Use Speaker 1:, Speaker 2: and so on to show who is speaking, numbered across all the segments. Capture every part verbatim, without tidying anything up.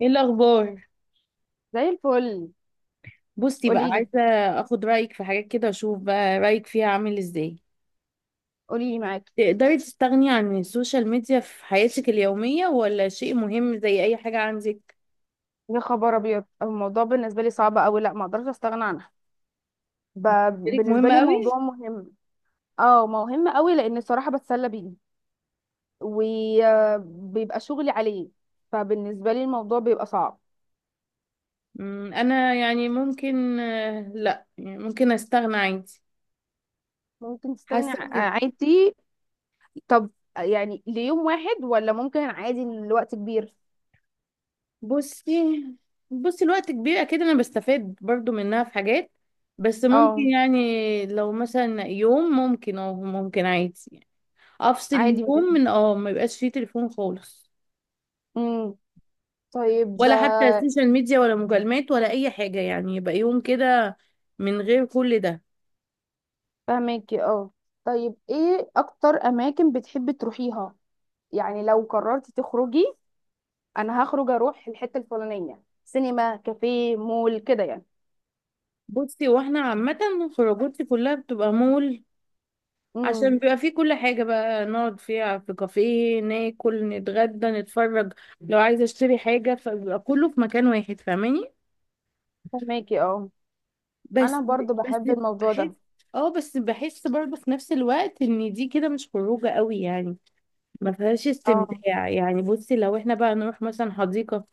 Speaker 1: ايه الاخبار؟
Speaker 2: زي الفل.
Speaker 1: بصي بقى،
Speaker 2: قولي لي،
Speaker 1: عايزه اخد رايك في حاجات كده، اشوف بقى رايك فيها عامل ازاي.
Speaker 2: قولي لي معاكي.
Speaker 1: تقدري تستغني عن السوشيال ميديا في حياتك اليوميه، ولا شيء مهم زي اي حاجه عندك؟
Speaker 2: يا خبر ابيض، الموضوع بالنسبه لي صعب قوي. لا، ما اقدرش استغنى عنها. ب...
Speaker 1: شريك
Speaker 2: بالنسبه
Speaker 1: مهم
Speaker 2: لي
Speaker 1: قوي.
Speaker 2: موضوع مهم. اه، مهم قوي لان الصراحه بتسلى بيه وبيبقى شغلي عليه، فبالنسبه لي الموضوع بيبقى صعب.
Speaker 1: أمم، انا يعني ممكن، آه، لا يعني ممكن استغنى عادي.
Speaker 2: ممكن تستغني
Speaker 1: حاسه
Speaker 2: ع-
Speaker 1: بكده.
Speaker 2: عادي. طب، يعني ليوم واحد ولا ممكن عادي لوقت كبير؟
Speaker 1: بصي بصي الوقت كبير اكيد، انا بستفاد برضو منها في حاجات. بس ممكن،
Speaker 2: اه،
Speaker 1: يعني لو مثلا يوم، ممكن او ممكن عادي يعني. افصل
Speaker 2: عادي
Speaker 1: اليوم
Speaker 2: مفيش.
Speaker 1: من اه ما يبقاش فيه تليفون خالص،
Speaker 2: امم طيب،
Speaker 1: ولا حتى
Speaker 2: آه،
Speaker 1: السوشيال ميديا ولا مكالمات ولا اي حاجه، يعني يبقى يوم كده من غير كل ده.
Speaker 2: فهماكي اه. طيب، ايه اكتر اماكن بتحبي تروحيها؟ يعني لو قررتي تخرجي، انا هخرج اروح الحته الفلانيه سينما كافيه مول كده يعني.
Speaker 1: بصي، واحنا عامه خروجاتي كلها بتبقى مول، عشان
Speaker 2: امم
Speaker 1: بيبقى فيه كل حاجه بقى، نقعد فيها في كافيه ناكل نتغدى نتفرج، لو عايزه اشتري حاجه فبيبقى كله في مكان واحد، فاهماني؟
Speaker 2: فهماكي اه. انا
Speaker 1: بس.
Speaker 2: برضو
Speaker 1: بس.
Speaker 2: بحب الموضوع
Speaker 1: بحس.
Speaker 2: ده.
Speaker 1: اه، بس بحس برضه في نفس الوقت ان دي كده مش خروجه قوي يعني، ما فيهاش
Speaker 2: اه،
Speaker 1: استمتاع. يعني بصي، لو احنا بقى نروح مثلا حديقة،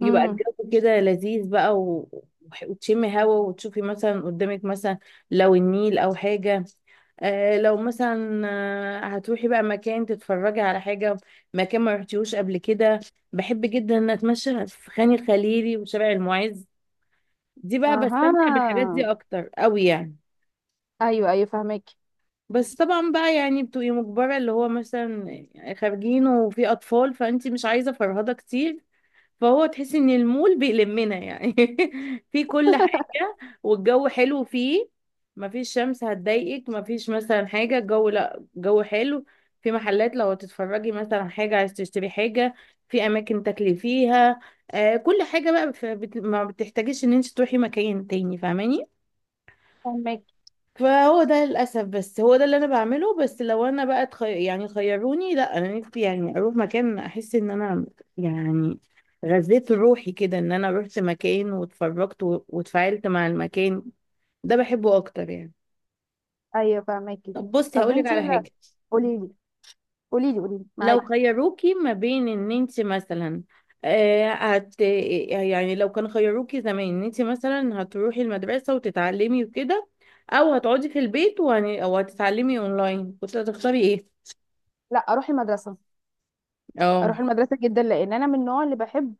Speaker 1: يبقى
Speaker 2: امم،
Speaker 1: الجو كده لذيذ بقى، و... وح- وتشمي هوا وتشوفي مثلا قدامك، مثلا لو النيل او حاجة. آه لو مثلا، آه، هتروحي بقى مكان تتفرجي على حاجة، مكان ما رحتيهوش قبل كده. بحب جدا ان اتمشى في خان الخليلي وشارع المعز، دي بقى بستمتع بالحاجات دي
Speaker 2: اها،
Speaker 1: اكتر قوي يعني.
Speaker 2: ايوه، ايوه، فهماكي.
Speaker 1: بس طبعا بقى يعني بتبقي مجبرة، اللي هو مثلا خارجين وفي أطفال فأنت مش عايزة فرهدة كتير، فهو تحسي إن المول بيلمنا يعني، في كل حاجة، والجو حلو فيه، مفيش شمس هتضايقك، مفيش مثلا حاجة، الجو لأ جو حلو، في محلات لو تتفرجي مثلا على حاجة عايز تشتري حاجة، في أماكن تاكلي فيها، آه كل حاجة بقى، ف- بت- ما بتحتاجيش إن أنت تروحي مكان تاني، فاهماني؟
Speaker 2: فهماكي،
Speaker 1: فهو ده للأسف، بس هو ده اللي أنا بعمله. بس لو أنا بقى تخي... يعني خيروني، لا أنا نفسي يعني أروح مكان أحس إن أنا، يعني غذيت روحي كده، إن أنا رحت مكان واتفرجت و... واتفاعلت مع المكان، ده بحبه أكتر يعني.
Speaker 2: ايوه، فهماكي.
Speaker 1: طب بصي،
Speaker 2: طب
Speaker 1: هقولك
Speaker 2: انتي،
Speaker 1: على
Speaker 2: لا،
Speaker 1: حاجة.
Speaker 2: قولي لي، قولي لي، قولي لي
Speaker 1: لو
Speaker 2: معاكي.
Speaker 1: خيروكي ما بين إن أنت مثلا، آه هت... يعني لو كان خيروكي زمان إن أنت مثلا هتروحي المدرسة وتتعلمي وكده، أو هتقعدي في البيت وهن... أو هتتعلمي أونلاين، كنت هتختاري إيه؟
Speaker 2: لا، اروح المدرسه.
Speaker 1: اه،
Speaker 2: اروح المدرسه جدا لان انا من النوع اللي بحب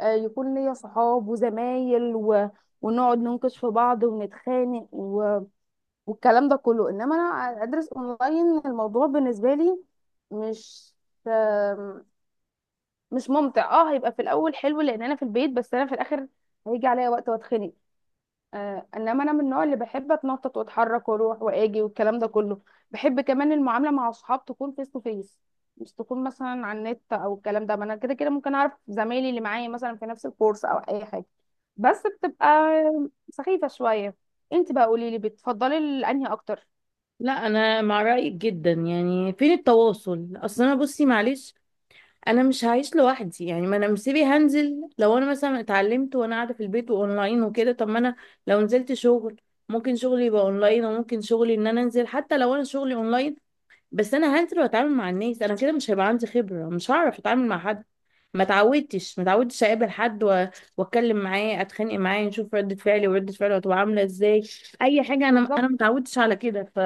Speaker 2: آه، يكون ليا صحاب وزمايل و... ونقعد ننكش في بعض ونتخانق و... والكلام ده كله. انما انا ادرس اونلاين الموضوع بالنسبه لي مش آم، مش ممتع. اه، هيبقى في الاول حلو لان انا في البيت، بس انا في الاخر هيجي عليا وقت واتخنق. آه، انما انا من النوع اللي بحب اتنطط واتحرك واروح واجي والكلام ده كله. بحب كمان المعامله مع اصحاب تكون فيس تو فيس، مش تكون مثلا على النت او الكلام ده. ما انا كده كده ممكن اعرف زمايلي اللي معايا مثلا في نفس الكورس او اي حاجه، بس بتبقى سخيفه شويه. انت بقى قولي لي، بتفضلي ال- انهي اكتر؟
Speaker 1: لا انا مع رايك جدا، يعني فين التواصل؟ اصل انا بصي معلش، انا مش هعيش لوحدي يعني، ما انا مسيبي هنزل، لو انا مثلا اتعلمت وانا قاعده في البيت واونلاين وكده، طب ما انا لو نزلت شغل، ممكن شغلي يبقى اونلاين، وممكن شغلي ان انا انزل، حتى لو انا شغلي اونلاين، بس انا هنزل واتعامل مع الناس، انا كده مش هيبقى عندي خبره، مش هعرف اتعامل مع حد، ما اتعودتش ما اتعودتش اقابل حد و- واتكلم معاه، اتخانق معاه، نشوف ردة فعلي وردة فعله هتبقى عاملة ازاي، اي حاجة، انا
Speaker 2: بالظبط.
Speaker 1: انا ما اتعودتش على كده ف.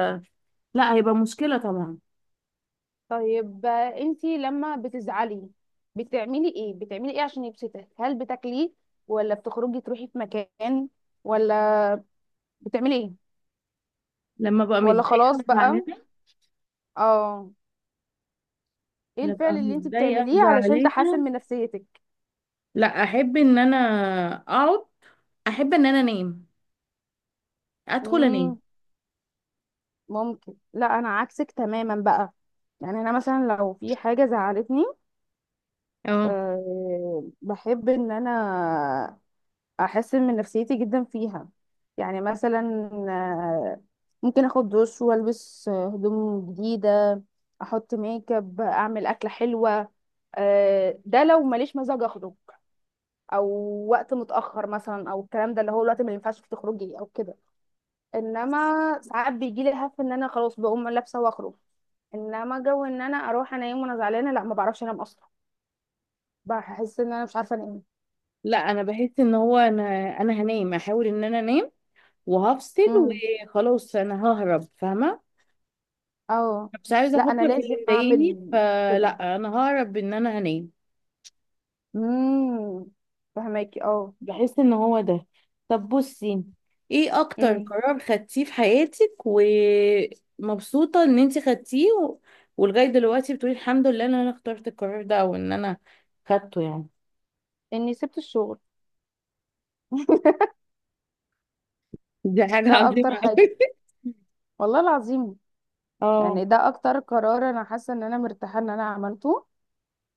Speaker 1: لا، هيبقى مشكلة طبعا.
Speaker 2: طيب، آه، انتي لما بتزعلي، بتعملي ايه بتعملي ايه عشان يبسطك؟ هل بتاكلي، ولا بتخرجي تروحي في مكان، ولا بتعملي ايه،
Speaker 1: لما ببقى
Speaker 2: ولا
Speaker 1: متضايقة
Speaker 2: خلاص
Speaker 1: وزعلانة،
Speaker 2: بقى؟ اه. ايه
Speaker 1: ببقى
Speaker 2: الفعل اللي انتي
Speaker 1: متضايقة
Speaker 2: بتعمليه علشان تحسن
Speaker 1: وزعلانة،
Speaker 2: من نفسيتك؟
Speaker 1: لا، احب ان انا اقعد، احب ان انا انام، ادخل انام.
Speaker 2: امم ممكن، لا انا عكسك تماما بقى. يعني انا مثلا لو في حاجه زعلتني،
Speaker 1: اه،
Speaker 2: أه بحب ان انا احسن من نفسيتي جدا فيها. يعني مثلا، آه، ممكن اخد دش والبس آه، هدوم جديده. احط ميك اب، اعمل اكله حلوه. آه، ده لو ماليش مزاج اخرج، او وقت متاخر مثلا، او الكلام ده اللي هو الوقت اللي ما ينفعش فيه تخرجي او كده. انما ساعات بيجي لي هف ان انا خلاص بقوم لابسه واخرج. انما جو ان انا اروح انام وانا زعلانه، لا، ما بعرفش انام اصلا. بحس ان انا مش عارفه انام.
Speaker 1: لا انا بحس ان هو، انا انا هنام، احاول ان انا انام وهفصل،
Speaker 2: امم
Speaker 1: وخلاص انا ههرب، فاهمة؟
Speaker 2: اه،
Speaker 1: مش عايزه
Speaker 2: لا انا
Speaker 1: افكر في
Speaker 2: لازم
Speaker 1: اللي مضايقني،
Speaker 2: اعمل كده.
Speaker 1: فلا انا ههرب ان انا هنام،
Speaker 2: امم فهماكي اه.
Speaker 1: بحس ان هو ده. طب بصي، ايه اكتر
Speaker 2: امم
Speaker 1: قرار خدتيه في حياتك ومبسوطه ان انت خدتيه، و... ولغايه دلوقتي بتقولي الحمد لله ان انا اخترت القرار ده، او ان انا خدته يعني؟
Speaker 2: اني سبت الشغل.
Speaker 1: دي حاجه
Speaker 2: ده اكتر
Speaker 1: عظيمه
Speaker 2: حاجه،
Speaker 1: قوي.
Speaker 2: والله العظيم.
Speaker 1: اه،
Speaker 2: يعني ده اكتر قرار انا حاسه ان انا مرتاحه ان انا عملته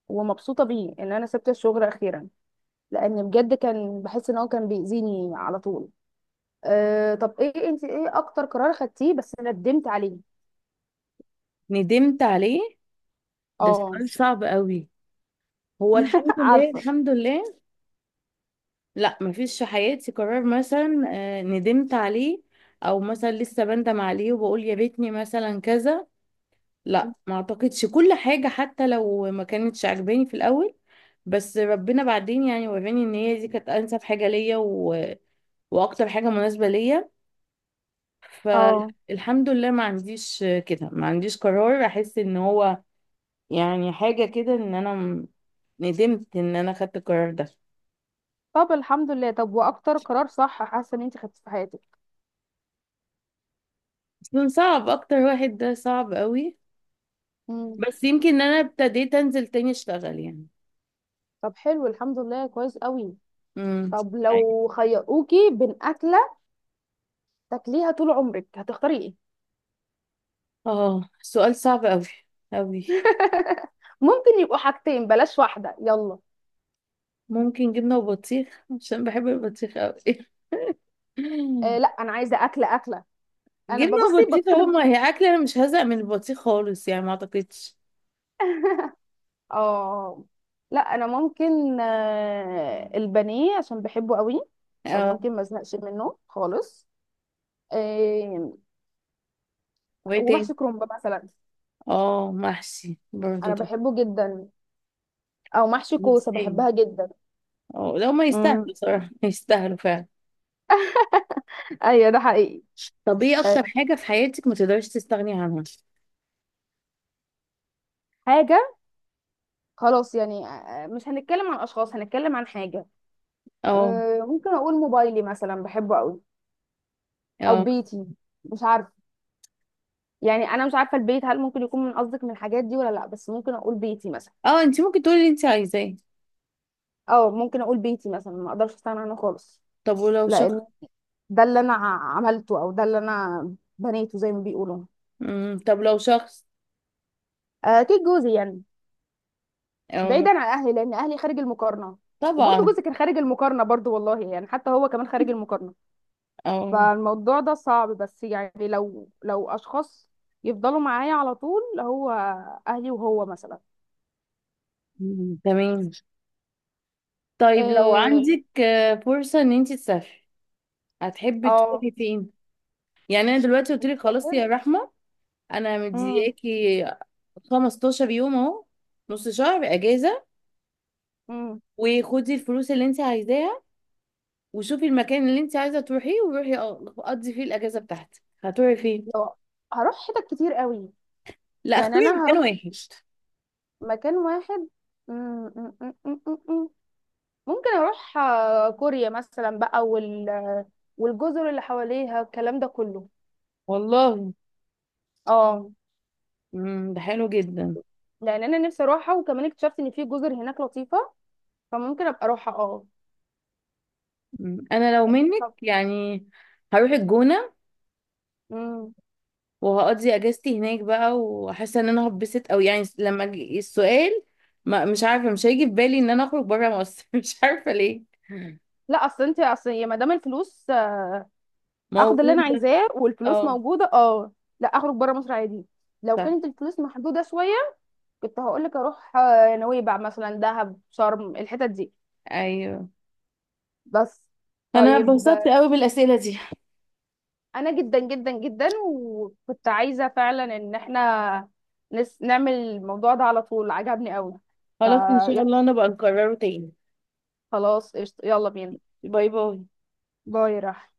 Speaker 2: ومبسوطه بيه ان انا سبت الشغل اخيرا، لان بجد كان بحس ان هو كان بيأذيني على طول. أه طب، ايه انت، ايه اكتر قرار خدتيه بس ندمت عليه؟
Speaker 1: ندمت عليه؟ ده
Speaker 2: اه.
Speaker 1: سؤال صعب قوي. هو الحمد لله،
Speaker 2: عارفه.
Speaker 1: الحمد لله. لا، مفيش في حياتي قرار مثلا آه، ندمت عليه، او مثلا لسه بندم عليه وبقول يا ريتني مثلا كذا. لا ما اعتقدش، كل حاجة حتى لو ما كانتش عجباني في الاول، بس ربنا بعدين يعني وراني ان هي دي كانت انسب حاجة ليا و... واكتر حاجة مناسبة ليا.
Speaker 2: اه،
Speaker 1: فالحمد لله ما عنديش كده، ما عنديش قرار احس ان هو يعني حاجة كده، ان انا م- ندمت ان انا خدت القرار ده.
Speaker 2: طب الحمد لله. طب، واكتر قرار صح حاسه ان انت خدتيه في حياتك؟
Speaker 1: اصلا صعب، اكتر واحد ده صعب قوي،
Speaker 2: مم.
Speaker 1: بس يمكن ان انا ابتديت انزل تاني اشتغل يعني.
Speaker 2: طب حلو، الحمد لله كويس قوي.
Speaker 1: امم
Speaker 2: طب
Speaker 1: أيوة.
Speaker 2: لو خيروكي بين أكلة تاكليها طول عمرك، هتختاري ايه؟
Speaker 1: اه، سؤال صعب قوي قوي.
Speaker 2: ممكن يبقوا حاجتين، بلاش واحدة، يلا.
Speaker 1: ممكن جبنة وبطيخ عشان بحب البطيخ قوي.
Speaker 2: آه لا، أنا عايزة أكلة أكلة. أنا
Speaker 1: جبنة
Speaker 2: ببصي
Speaker 1: وبطيخ اهو،
Speaker 2: بطلب.
Speaker 1: ما هي اكلة، انا مش هزهق من البطيخ خالص يعني ما اعتقدش.
Speaker 2: اه، لا أنا ممكن، آه البانيه عشان بحبه قوي،
Speaker 1: اه،
Speaker 2: فممكن ما ازهقش منه خالص. آه
Speaker 1: وايه تاني؟
Speaker 2: ومحشي كرنب مثلا.
Speaker 1: اه، محشي برضه.
Speaker 2: أنا
Speaker 1: طب،
Speaker 2: بحبه جدا، أو محشي كوسة
Speaker 1: يستاهل.
Speaker 2: بحبها جدا.
Speaker 1: اه، لو ما
Speaker 2: مم.
Speaker 1: يستاهلوا صراحة، يستاهلوا فعلا.
Speaker 2: أيوة، ده حقيقي.
Speaker 1: طب ايه اكتر
Speaker 2: آه،
Speaker 1: حاجة في حياتك ما تقدرش تستغني عنها؟
Speaker 2: حاجة، خلاص يعني، آه، مش هنتكلم عن أشخاص، هنتكلم عن حاجة.
Speaker 1: اه،
Speaker 2: أه ممكن اقول موبايلي مثلا بحبه قوي، او
Speaker 1: اه،
Speaker 2: بيتي، مش عارفه. يعني انا مش عارفه البيت هل ممكن يكون من قصدك من الحاجات دي ولا لا، بس ممكن اقول بيتي مثلا.
Speaker 1: اه، انت ممكن تقولي اللي انت عايزاه.
Speaker 2: اه، ممكن اقول بيتي مثلا ما اقدرش استغنى عنه خالص،
Speaker 1: طب ولو
Speaker 2: لان
Speaker 1: شخص؟
Speaker 2: ده اللي انا ع- عملته او ده اللي انا بنيته زي ما بيقولوا.
Speaker 1: مم. طب لو شخص؟
Speaker 2: أه اكيد جوزي يعني،
Speaker 1: اه،
Speaker 2: بعيدا عن اهلي لان اهلي خارج المقارنه. وبرضه
Speaker 1: طبعا.
Speaker 2: جوزي كان خارج المقارنه برضه، والله يعني، حتى هو كمان خارج المقارنه.
Speaker 1: اه.
Speaker 2: فالموضوع ده صعب، بس يعني لو لو اشخاص يفضلوا معايا على طول، هو اهلي وهو مثلا.
Speaker 1: مم. تمام. طيب لو
Speaker 2: آه،
Speaker 1: عندك آه، فرصة ان انت تسافري، هتحبي
Speaker 2: اه،
Speaker 1: تروحي فين؟ يعني انا دلوقتي قلت لك خلاص
Speaker 2: مسافر.
Speaker 1: يا رحمة، انا
Speaker 2: امم.
Speaker 1: مدياكي 15 يوم اهو، نص شهر اجازة،
Speaker 2: امم
Speaker 1: وخدي الفلوس اللي انت عايزاها، وشوفي المكان اللي انت عايزة تروحيه، وروحي أ- قضي فيه الاجازة بتاعتك، هتروحي فين؟
Speaker 2: لو هروح حتت كتير قوي.
Speaker 1: لا،
Speaker 2: يعني
Speaker 1: اختاري
Speaker 2: انا
Speaker 1: مكان
Speaker 2: هروح
Speaker 1: واحد.
Speaker 2: مكان واحد. مم، مم، مم، مم، مم، مم. ممكن اروح آه، كوريا مثلا بقى، وال والجزر اللي حواليها الكلام ده كله.
Speaker 1: والله.
Speaker 2: اه.
Speaker 1: مم. ده حلو جدا.
Speaker 2: لان انا نفسي اروحها وكمان اكتشفت ان في جزر هناك لطيفه، فممكن ابقى اروحها اه.
Speaker 1: مم. انا لو منك يعني هروح الجونة،
Speaker 2: طب،
Speaker 1: وهقضي اجازتي هناك بقى، وحاسة ان انا هتبسط، او يعني لما أجي- السؤال، ما مش عارفة مش هيجي في بالي ان انا اخرج بره مصر، مش عارفة ليه.
Speaker 2: لا، اصل انت، اصل يا مدام الفلوس، آه، اخد اللي انا
Speaker 1: موجودة.
Speaker 2: عايزاه والفلوس
Speaker 1: اه.
Speaker 2: موجوده اه. لا، اخرج بره مصر عادي. لو
Speaker 1: صح.
Speaker 2: كانت الفلوس محدوده شويه كنت هقول لك اروح آه، نويبع مثلا دهب شرم الحتت دي،
Speaker 1: ايوه.
Speaker 2: بس.
Speaker 1: انا
Speaker 2: طيب
Speaker 1: اتبسطت
Speaker 2: آه،
Speaker 1: قوي بالاسئلة دي،
Speaker 2: انا جدا جدا جدا، وكنت عايزه فعلا ان احنا نس نعمل الموضوع ده على طول، عجبني قوي. ف
Speaker 1: خلاص ان شاء الله انا بقى نكرره تاني.
Speaker 2: خلاص، قشطة، يلا بينا.
Speaker 1: باي باي.
Speaker 2: باي راح.